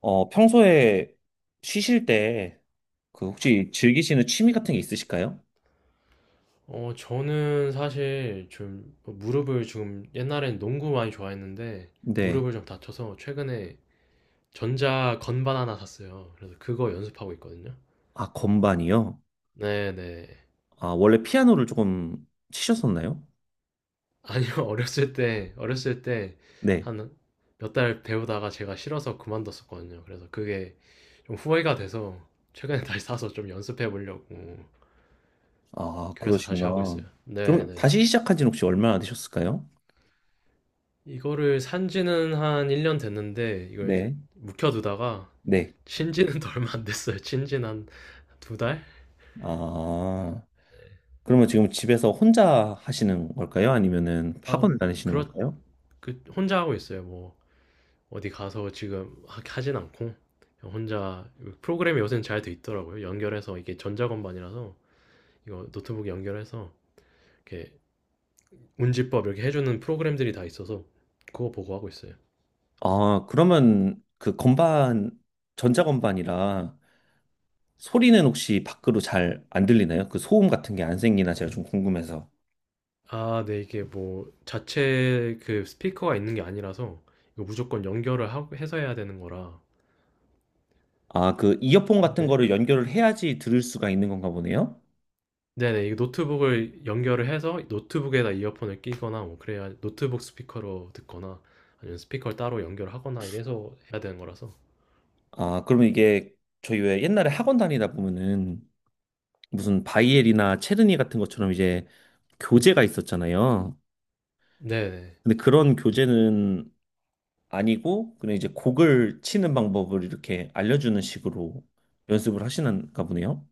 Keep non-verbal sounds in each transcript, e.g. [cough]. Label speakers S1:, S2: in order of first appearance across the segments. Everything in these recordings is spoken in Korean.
S1: 어, 평소에 쉬실 때 그 혹시 즐기시는 취미 같은 게 있으실까요?
S2: 저는 사실 좀 무릎을 지금 옛날엔 농구 많이 좋아했는데
S1: 네.
S2: 무릎을 좀 다쳐서 최근에 전자 건반 하나 샀어요. 그래서 그거 연습하고 있거든요.
S1: 아, 건반이요?
S2: 네네.
S1: 아, 원래 피아노를 조금 치셨었나요?
S2: 아니요, [laughs] 어렸을 때
S1: 네.
S2: 한 몇 달 배우다가 제가 싫어서 그만뒀었거든요. 그래서 그게 좀 후회가 돼서 최근에 다시 사서 좀 연습해 보려고.
S1: 아,
S2: 그래서 다시 하고
S1: 그러시구나.
S2: 있어요.
S1: 그럼
S2: 네네.
S1: 다시 시작한 지는 혹시 얼마나 되셨을까요?
S2: 이거를 산 지는 한 1년 됐는데 이걸
S1: 네.
S2: 묵혀두다가
S1: 네.
S2: 친 지는 더 얼마 안 됐어요. 친 지는 한 두 달?
S1: 아, 그러면 지금 집에서 혼자 하시는 걸까요? 아니면은
S2: 아,
S1: 학원을 다니시는
S2: 그렇,
S1: 걸까요?
S2: 혼자 하고 있어요. 뭐, 어디 가서 지금 하진 않고, 그냥 혼자, 프로그램이 요새는 잘 돼 있더라고요. 연결해서, 이게 전자건반이라서, 이거 노트북에 연결해서, 이렇게 운지법 이렇게 해주는 프로그램들이 다 있어서, 그거 보고 하고 있어요.
S1: 아, 그러면 그 건반, 전자건반이라 소리는 혹시 밖으로 잘 안 들리나요? 그 소음 같은 게 안 생기나 제가 좀 궁금해서.
S2: 아, 네, 이게 뭐, 자체 그 스피커가 있는 게 아니라서, 이거 무조건 연결을 하고 해서 해야 되는 거라.
S1: 아, 그 이어폰 같은
S2: 네.
S1: 거를 연결을 해야지 들을 수가 있는 건가 보네요.
S2: 네네. 이 노트북을 연결을 해서 노트북에다 이어폰을 끼거나 뭐 그래야 노트북 스피커로 듣거나 아니면 스피커를 따로 연결하거나 이래서 해야 되는 거라서.
S1: 아, 그러면 이게 저희 왜 옛날에 학원 다니다 보면은 무슨 바이엘이나 체르니 같은 것처럼 이제 교재가 있었잖아요.
S2: 네네.
S1: 근데 그런 교재는 아니고 그냥 이제 곡을 치는 방법을 이렇게 알려주는 식으로 연습을 하시는가 보네요.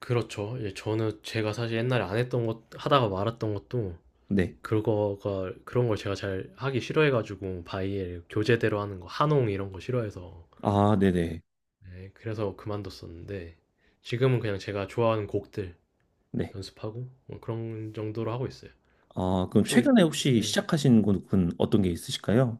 S2: 그렇죠. 예, 저는 제가 사실 옛날에 안 했던 것 하다가 말았던 것도
S1: 네.
S2: 그거가 그런 걸 제가 잘 하기 싫어해 가지고 바이엘 교재대로 하는 거 한홍 이런 거 싫어해서,
S1: 아, 네네.
S2: 네, 그래서 그만뒀었는데 지금은 그냥 제가 좋아하는 곡들
S1: 네.
S2: 연습하고 뭐 그런 정도로 하고 있어요.
S1: 아, 그럼
S2: 혹시
S1: 최근에 혹시
S2: 네.
S1: 시작하신 곳은 어떤 게 있으실까요?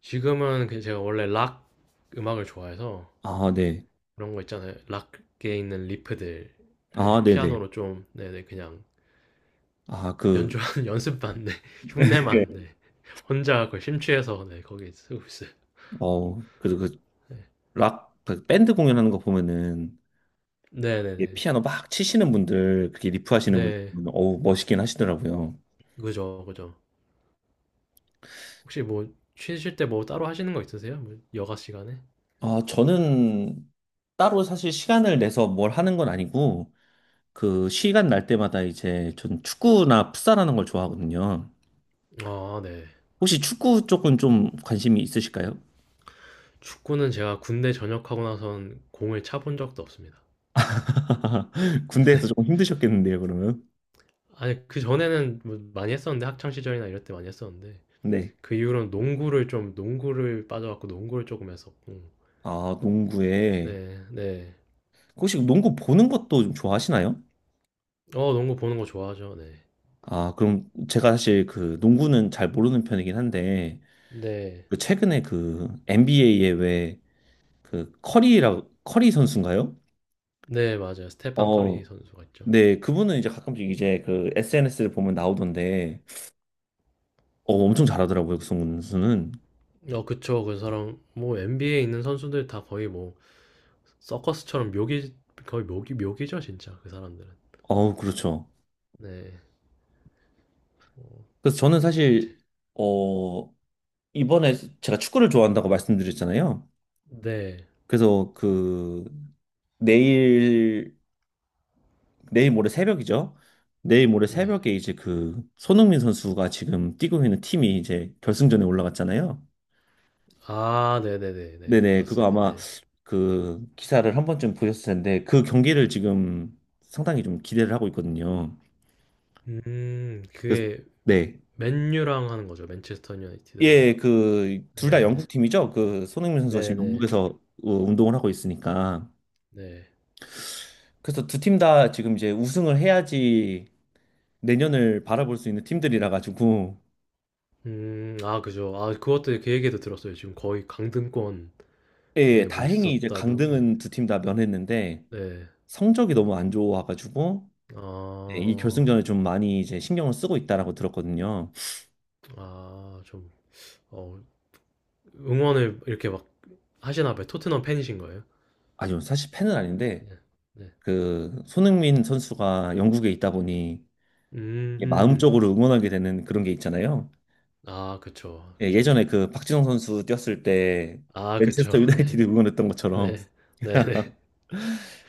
S2: 지금은 그 제가 원래 락 음악을 좋아해서
S1: 아, 네.
S2: 그런 거 있잖아요. 락에 있는 리프들을
S1: 아, 네네.
S2: 피아노로 좀, 네네, 그냥
S1: 아, 그,
S2: 연주하는 [laughs] 연습반, 네, [laughs] 흉내만,
S1: 네.
S2: 네, 혼자 그 심취해서, 네, 거기에 쓰고 있어요.
S1: 어, 그 락, 그 밴드 공연하는 거 보면은
S2: 네네네.
S1: 이게 피아노 막 치시는 분들, 그렇게 리프 하시는 분들,
S2: 네.
S1: 보면 어우, 멋있긴 하시더라고요.
S2: 그죠, 그죠. 혹시 뭐 쉬실 때 뭐 따로 하시는 거 있으세요? 뭐 여가 시간에?
S1: 아, 저는 따로 사실 시간을 내서 뭘 하는 건 아니고, 그, 시간 날 때마다 이제 전 축구나 풋살하는 걸 좋아하거든요.
S2: 아, 네.
S1: 혹시 축구 쪽은 좀 관심이 있으실까요?
S2: 축구는 제가 군대 전역하고 나선 공을 차 본 적도 없습니다.
S1: [laughs] 군대에서 조금 힘드셨겠는데요, 그러면?
S2: 아니 그전에는 뭐 많이 했었는데 학창 시절이나 이럴 때 많이 했었는데
S1: 네.
S2: 그 이후로는 농구를 빠져갖고 농구를 조금 했었고.
S1: 아, 농구에. 그
S2: 네, 네.
S1: 혹시 농구 보는 것도 좀 좋아하시나요?
S2: 농구 보는 거 좋아하죠. 네.
S1: 아, 그럼 제가 사실 그 농구는 잘 모르는 편이긴 한데,
S2: 네.
S1: 그 최근에 그 NBA에 왜 그 커리 선수인가요?
S2: 네, 맞아요. 스테판 커리
S1: 어,
S2: 선수가 있죠.
S1: 네, 그분은 이제 가끔씩 이제 그 SNS를 보면 나오던데, 어, 엄청 잘하더라고요, 그 선수는.
S2: 어, 그쵸. 그 사람 뭐 NBA에 있는 선수들 다 거의 뭐 서커스처럼 묘기 거의 묘기죠, 진짜. 그 사람들은.
S1: 어, 그렇죠.
S2: 네. 어,
S1: 그래서 저는
S2: 제-
S1: 사실, 어, 이번에 제가 축구를 좋아한다고 말씀드렸잖아요.
S2: 네.
S1: 그래서 그 내일 내일 모레 새벽이죠. 내일 모레
S2: 네.
S1: 새벽에 이제 그 손흥민 선수가 지금 뛰고 있는 팀이 이제 결승전에 올라갔잖아요.
S2: 아, 네네네, 네. 네, 네.
S1: 네네, 그거
S2: 봤어요.
S1: 아마
S2: 네.
S1: 그 기사를 한 번쯤 보셨을 텐데 그 경기를 지금 상당히 좀 기대를 하고 있거든요. 그래서
S2: 그게
S1: 네.
S2: 맨유랑 하는 거죠. 맨체스터 유나이티드랑.
S1: 예, 그 둘 다
S2: 네.
S1: 영국 팀이죠. 그 손흥민 선수가
S2: 네네.
S1: 지금
S2: 네.
S1: 영국에서 어, 운동을 하고 있으니까.
S2: 네.
S1: 그래서 두 팀 다 지금 이제 우승을 해야지 내년을 바라볼 수 있는 팀들이라 가지고
S2: 아, 그죠. 아, 그것도 그 얘기도 들었어요. 지금 거의 강등권에
S1: 예, 예.
S2: 뭐
S1: 다행히 이제
S2: 있었다, 뭐, 네.
S1: 강등은 두 팀 다 면했는데
S2: 네.
S1: 성적이 너무 안 좋아가지고 예, 이
S2: 아,
S1: 결승전에 좀 많이 이제 신경을 쓰고 있다라고 들었거든요.
S2: 좀, 어, 응원을 이렇게 막 하시나 봐요? 토트넘 팬이신 거예요?
S1: 아니요, 사실 팬은 아닌데
S2: 네. 네.
S1: 그 손흥민 선수가 영국에 있다 보니
S2: 음.
S1: 이게
S2: 음.
S1: 마음적으로 응원하게 되는 그런 게 있잖아요.
S2: 아, 그쵸.
S1: 예,
S2: 그쵸.
S1: 예전에 그 박지성 선수 뛰었을 때
S2: 아, 그쵸.
S1: 맨체스터
S2: [laughs] 네.
S1: 유나이티드 응원했던 것처럼
S2: 네. 네. 네.
S1: [laughs]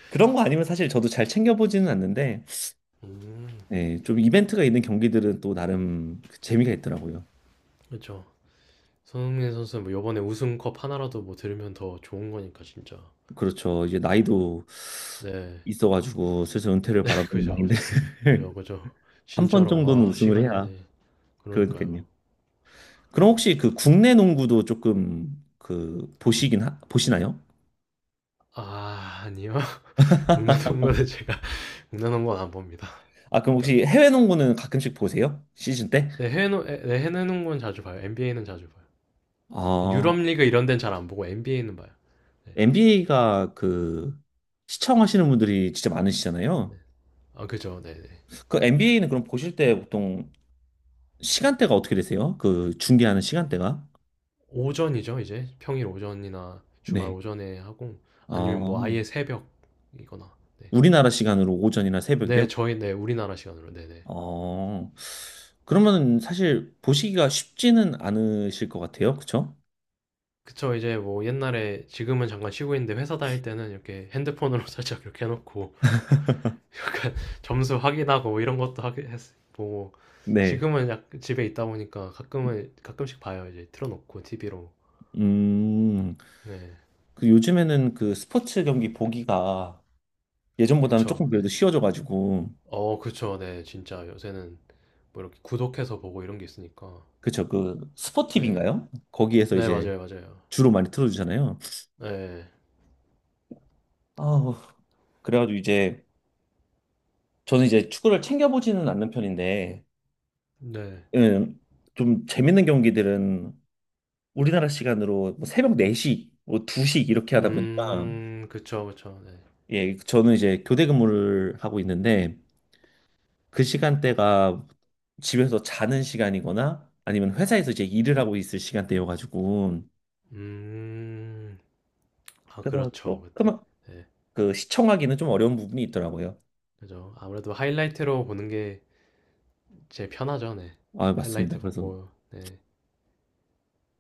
S1: 그런 거 아니면 사실 저도 잘 챙겨보지는 않는데
S2: 음,
S1: 예, 좀 이벤트가 있는 경기들은 또 나름 그 재미가 있더라고요.
S2: 그쵸. 손흥민 선수는 뭐 요번에 우승컵 하나라도 뭐 들으면 더 좋은 거니까, 진짜.
S1: 그렇죠. 이제 나이도
S2: 네.
S1: 있어가지고 슬슬 은퇴를
S2: [laughs]
S1: 바라보는
S2: 그죠,
S1: 나이인데
S2: 그죠. 그죠,
S1: [laughs]
S2: 그죠.
S1: 한 번 정도는
S2: 진짜로, 아,
S1: 우승을 해야
S2: 시간이네. 그러니까요.
S1: 그러니까요. 그럼 혹시 그 국내 농구도 조금 그 보시나요?
S2: 아, 아니요. [laughs] 공나놓은 거는 제가 [laughs] 공나놓은 건 안 봅니다.
S1: 아, 그럼
S2: 그러니까
S1: 혹시 해외 농구는 가끔씩 보세요? 시즌 때?
S2: 내 해외 농건 자주 봐요. NBA는 자주 봐요.
S1: 아,
S2: 유럽 리그 이런 데는 잘 안 보고 NBA는 봐요. 네.
S1: NBA가 그 시청하시는 분들이 진짜 많으시잖아요.
S2: 아, 그죠. 네, 네.
S1: 그 NBA는 그럼 보실 때 보통 시간대가 어떻게 되세요? 그 중계하는 시간대가?
S2: 오전이죠, 이제. 평일 오전이나 주말
S1: 네.
S2: 오전에 하고 아니면 뭐 아예
S1: 아,
S2: 새벽이거나. 네.
S1: 우리나라 시간으로 오전이나 새벽이요?
S2: 네, 저희, 네, 우리나라 시간으로. 네, 네.
S1: 어, 그러면 사실 보시기가 쉽지는 않으실 것 같아요. 그쵸?
S2: 그쵸, 이제 뭐 옛날에, 지금은 잠깐 쉬고 있는데 회사 다닐 때는 이렇게 핸드폰으로 [laughs] 살짝 이렇게 해놓고 약간 [laughs] 점수 확인하고 이런 것도 하게 했, 보고
S1: 네.
S2: 지금은 약 집에 있다 보니까 가끔은 가끔씩 봐요. 이제 틀어놓고 TV로.
S1: 음,
S2: 네,
S1: 그 요즘에는 그 스포츠 경기 보기가 예전보다는
S2: 그쵸.
S1: 조금
S2: 네.
S1: 그래도 쉬워져가지고,
S2: 어, 그쵸. 네, 진짜 요새는 뭐 이렇게 구독해서 보고 이런 게 있으니까.
S1: 그쵸, 그
S2: 네,
S1: 스포티비인가요? 거기에서
S2: 네,
S1: 이제
S2: 맞아요, 맞아요.
S1: 주로 많이 틀어주잖아요.
S2: 네,
S1: 아우, 그래가지고 이제, 저는 이제 축구를 챙겨보지는 않는 편인데,
S2: 네.
S1: 음, 좀 재밌는 경기들은 우리나라 시간으로 뭐 새벽 4시, 뭐 2시 이렇게 하다 보니까,
S2: 그쵸, 그쵸. 네.
S1: 예, 저는 이제 교대 근무를 하고 있는데 그 시간대가 집에서 자는 시간이거나 아니면 회사에서 이제 일을 하고 있을 시간대여가지고
S2: 음, 아,
S1: 그래서
S2: 그렇죠. 그때.
S1: 조금
S2: 네,
S1: 그 시청하기는 좀 어려운 부분이 있더라고요.
S2: 그죠. 아무래도 하이라이트로 보는 게 제일 편하죠. 네,
S1: 아, 맞습니다.
S2: 하이라이트
S1: 그래서
S2: 보고. 네.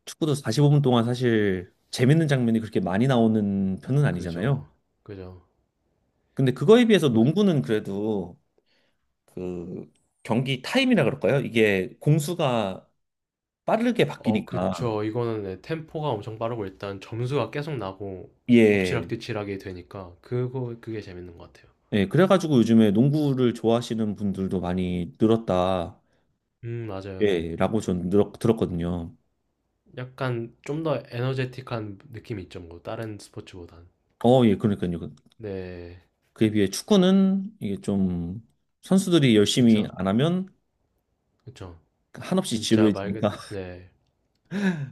S1: 축구도 45분 동안 사실 재밌는 장면이 그렇게 많이 나오는 편은 아니잖아요.
S2: 그죠. 그죠.
S1: 근데 그거에 비해서
S2: 그-
S1: 농구는 그래도 그 경기 타임이라 그럴까요? 이게 공수가 빠르게
S2: 어,
S1: 바뀌니까
S2: 그쵸. 이거는, 네, 템포가 엄청 빠르고 일단 점수가 계속 나고
S1: 예.
S2: 엎치락뒤치락이 되니까 그거 그게 재밌는 것 같아요.
S1: 예, 그래가지고 요즘에 농구를 좋아하시는 분들도 많이 늘었다,
S2: 맞아요. 네.
S1: 예, 라고 전 들었거든요.
S2: 약간 좀 더 에너제틱한 느낌이 있죠. 뭐 다른 스포츠보단.
S1: 어, 예, 그러니까요.
S2: 네.
S1: 그에 비해 축구는 이게 좀 선수들이 열심히
S2: 그쵸.
S1: 안 하면
S2: 그쵸.
S1: 한없이
S2: 진짜 말
S1: 지루해지니까.
S2: 그대로,
S1: [laughs]
S2: 네.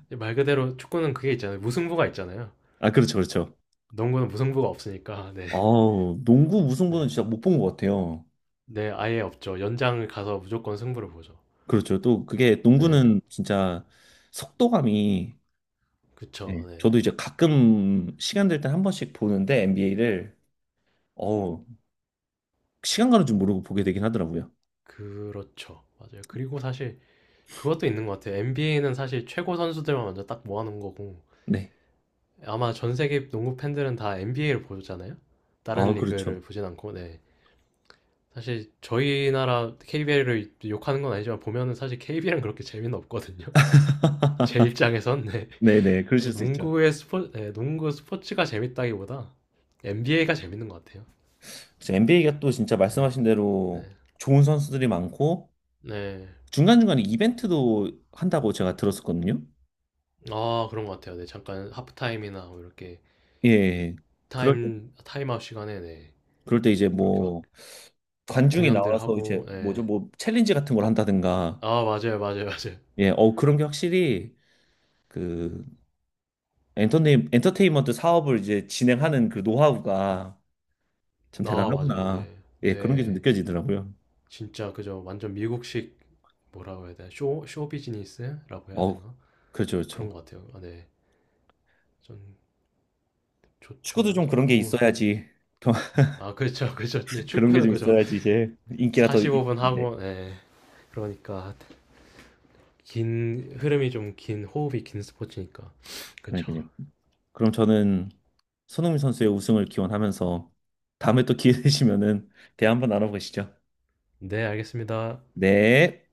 S2: 말 그대로 축구는 그게 있잖아요. 무승부가 있잖아요.
S1: 아, 그렇죠, 그렇죠.
S2: 농구는 무승부가 없으니까. [laughs] 네.
S1: 어우, 농구 무승부는
S2: 네.
S1: 진짜 못 본 것 같아요.
S2: 네, 아예 없죠. 연장을 가서 무조건 승부를 보죠.
S1: 그렇죠. 또 그게
S2: 네.
S1: 농구는 진짜 속도감이, 예,
S2: 그쵸. 네.
S1: 저도 이제 가끔 시간 될 때 한 번씩 보는데 NBA를, 어우, 시간 가는 줄 모르고 보게 되긴 하더라고요.
S2: 그렇죠. 맞아요. 그리고 사실 그것도 있는 것 같아요. NBA는 사실 최고 선수들만 먼저 딱 모아놓은 거고
S1: 네.
S2: 아마 전 세계 농구 팬들은 다 NBA를 보잖아요. 다른
S1: 아, 그렇죠.
S2: 리그를 보진 않고. 네. 사실 저희 나라 KBL을 욕하는 건 아니지만 보면은 사실 KBL은 그렇게 재미는 없거든요. [laughs] 제 입장에선. 네.
S1: 네네, 그러실
S2: 그래서
S1: 수 있죠.
S2: 농구의 스포, 네, 농구 스포츠가 재밌다기보다 NBA가 재밌는 것 같아요.
S1: 그래서 NBA가 또 진짜
S2: 네.
S1: 말씀하신 대로
S2: 네.
S1: 좋은 선수들이 많고
S2: 네.
S1: 중간중간에 이벤트도 한다고 제가 들었었거든요.
S2: 아, 그런 것 같아요. 네, 잠깐 하프타임이나 뭐 이렇게
S1: 예. 예, 예. 그럴 때,
S2: 타임아웃 시간에. 네.
S1: 그럴 때 이제
S2: 뭐 이렇게 막
S1: 뭐 관중이
S2: 공연들
S1: 나와서 이제
S2: 하고.
S1: 뭐죠,
S2: 네.
S1: 뭐 챌린지 같은 걸 한다든가,
S2: 아, 맞아요. 맞아요. 맞아요.
S1: 예, 어 그런 게 확실히 그 엔터테인먼트 사업을 이제 진행하는 그 노하우가 참
S2: 아, 맞아요.
S1: 대단하구나.
S2: 네.
S1: 예, 그런 게 좀
S2: 네.
S1: 느껴지더라고요.
S2: 진짜 그저 완전 미국식, 뭐라고 해야 되나? 쇼 쇼비즈니스라고 해야
S1: 어
S2: 되나?
S1: 그렇죠, 그렇죠.
S2: 그런 것 같아요. 아, 네. 전 좋죠.
S1: 축구도 좀
S2: 완전
S1: 그런 게
S2: 어우.
S1: 있어야지.
S2: 아, 그렇죠. 그렇죠. 네,
S1: 그런 게
S2: 축구는
S1: 좀
S2: 그죠.
S1: 있어야지 이제 인기가 더
S2: 45분
S1: 있는데.
S2: 하고, 네. 그러니까 긴 흐름이 좀 긴 호흡이 긴 스포츠니까. 그렇죠.
S1: 그러니까요. 그럼 저는 손흥민 선수의 우승을 기원하면서 다음에 또 기회 되시면은 대화 한번 나눠보시죠.
S2: 네, 알겠습니다.
S1: 네.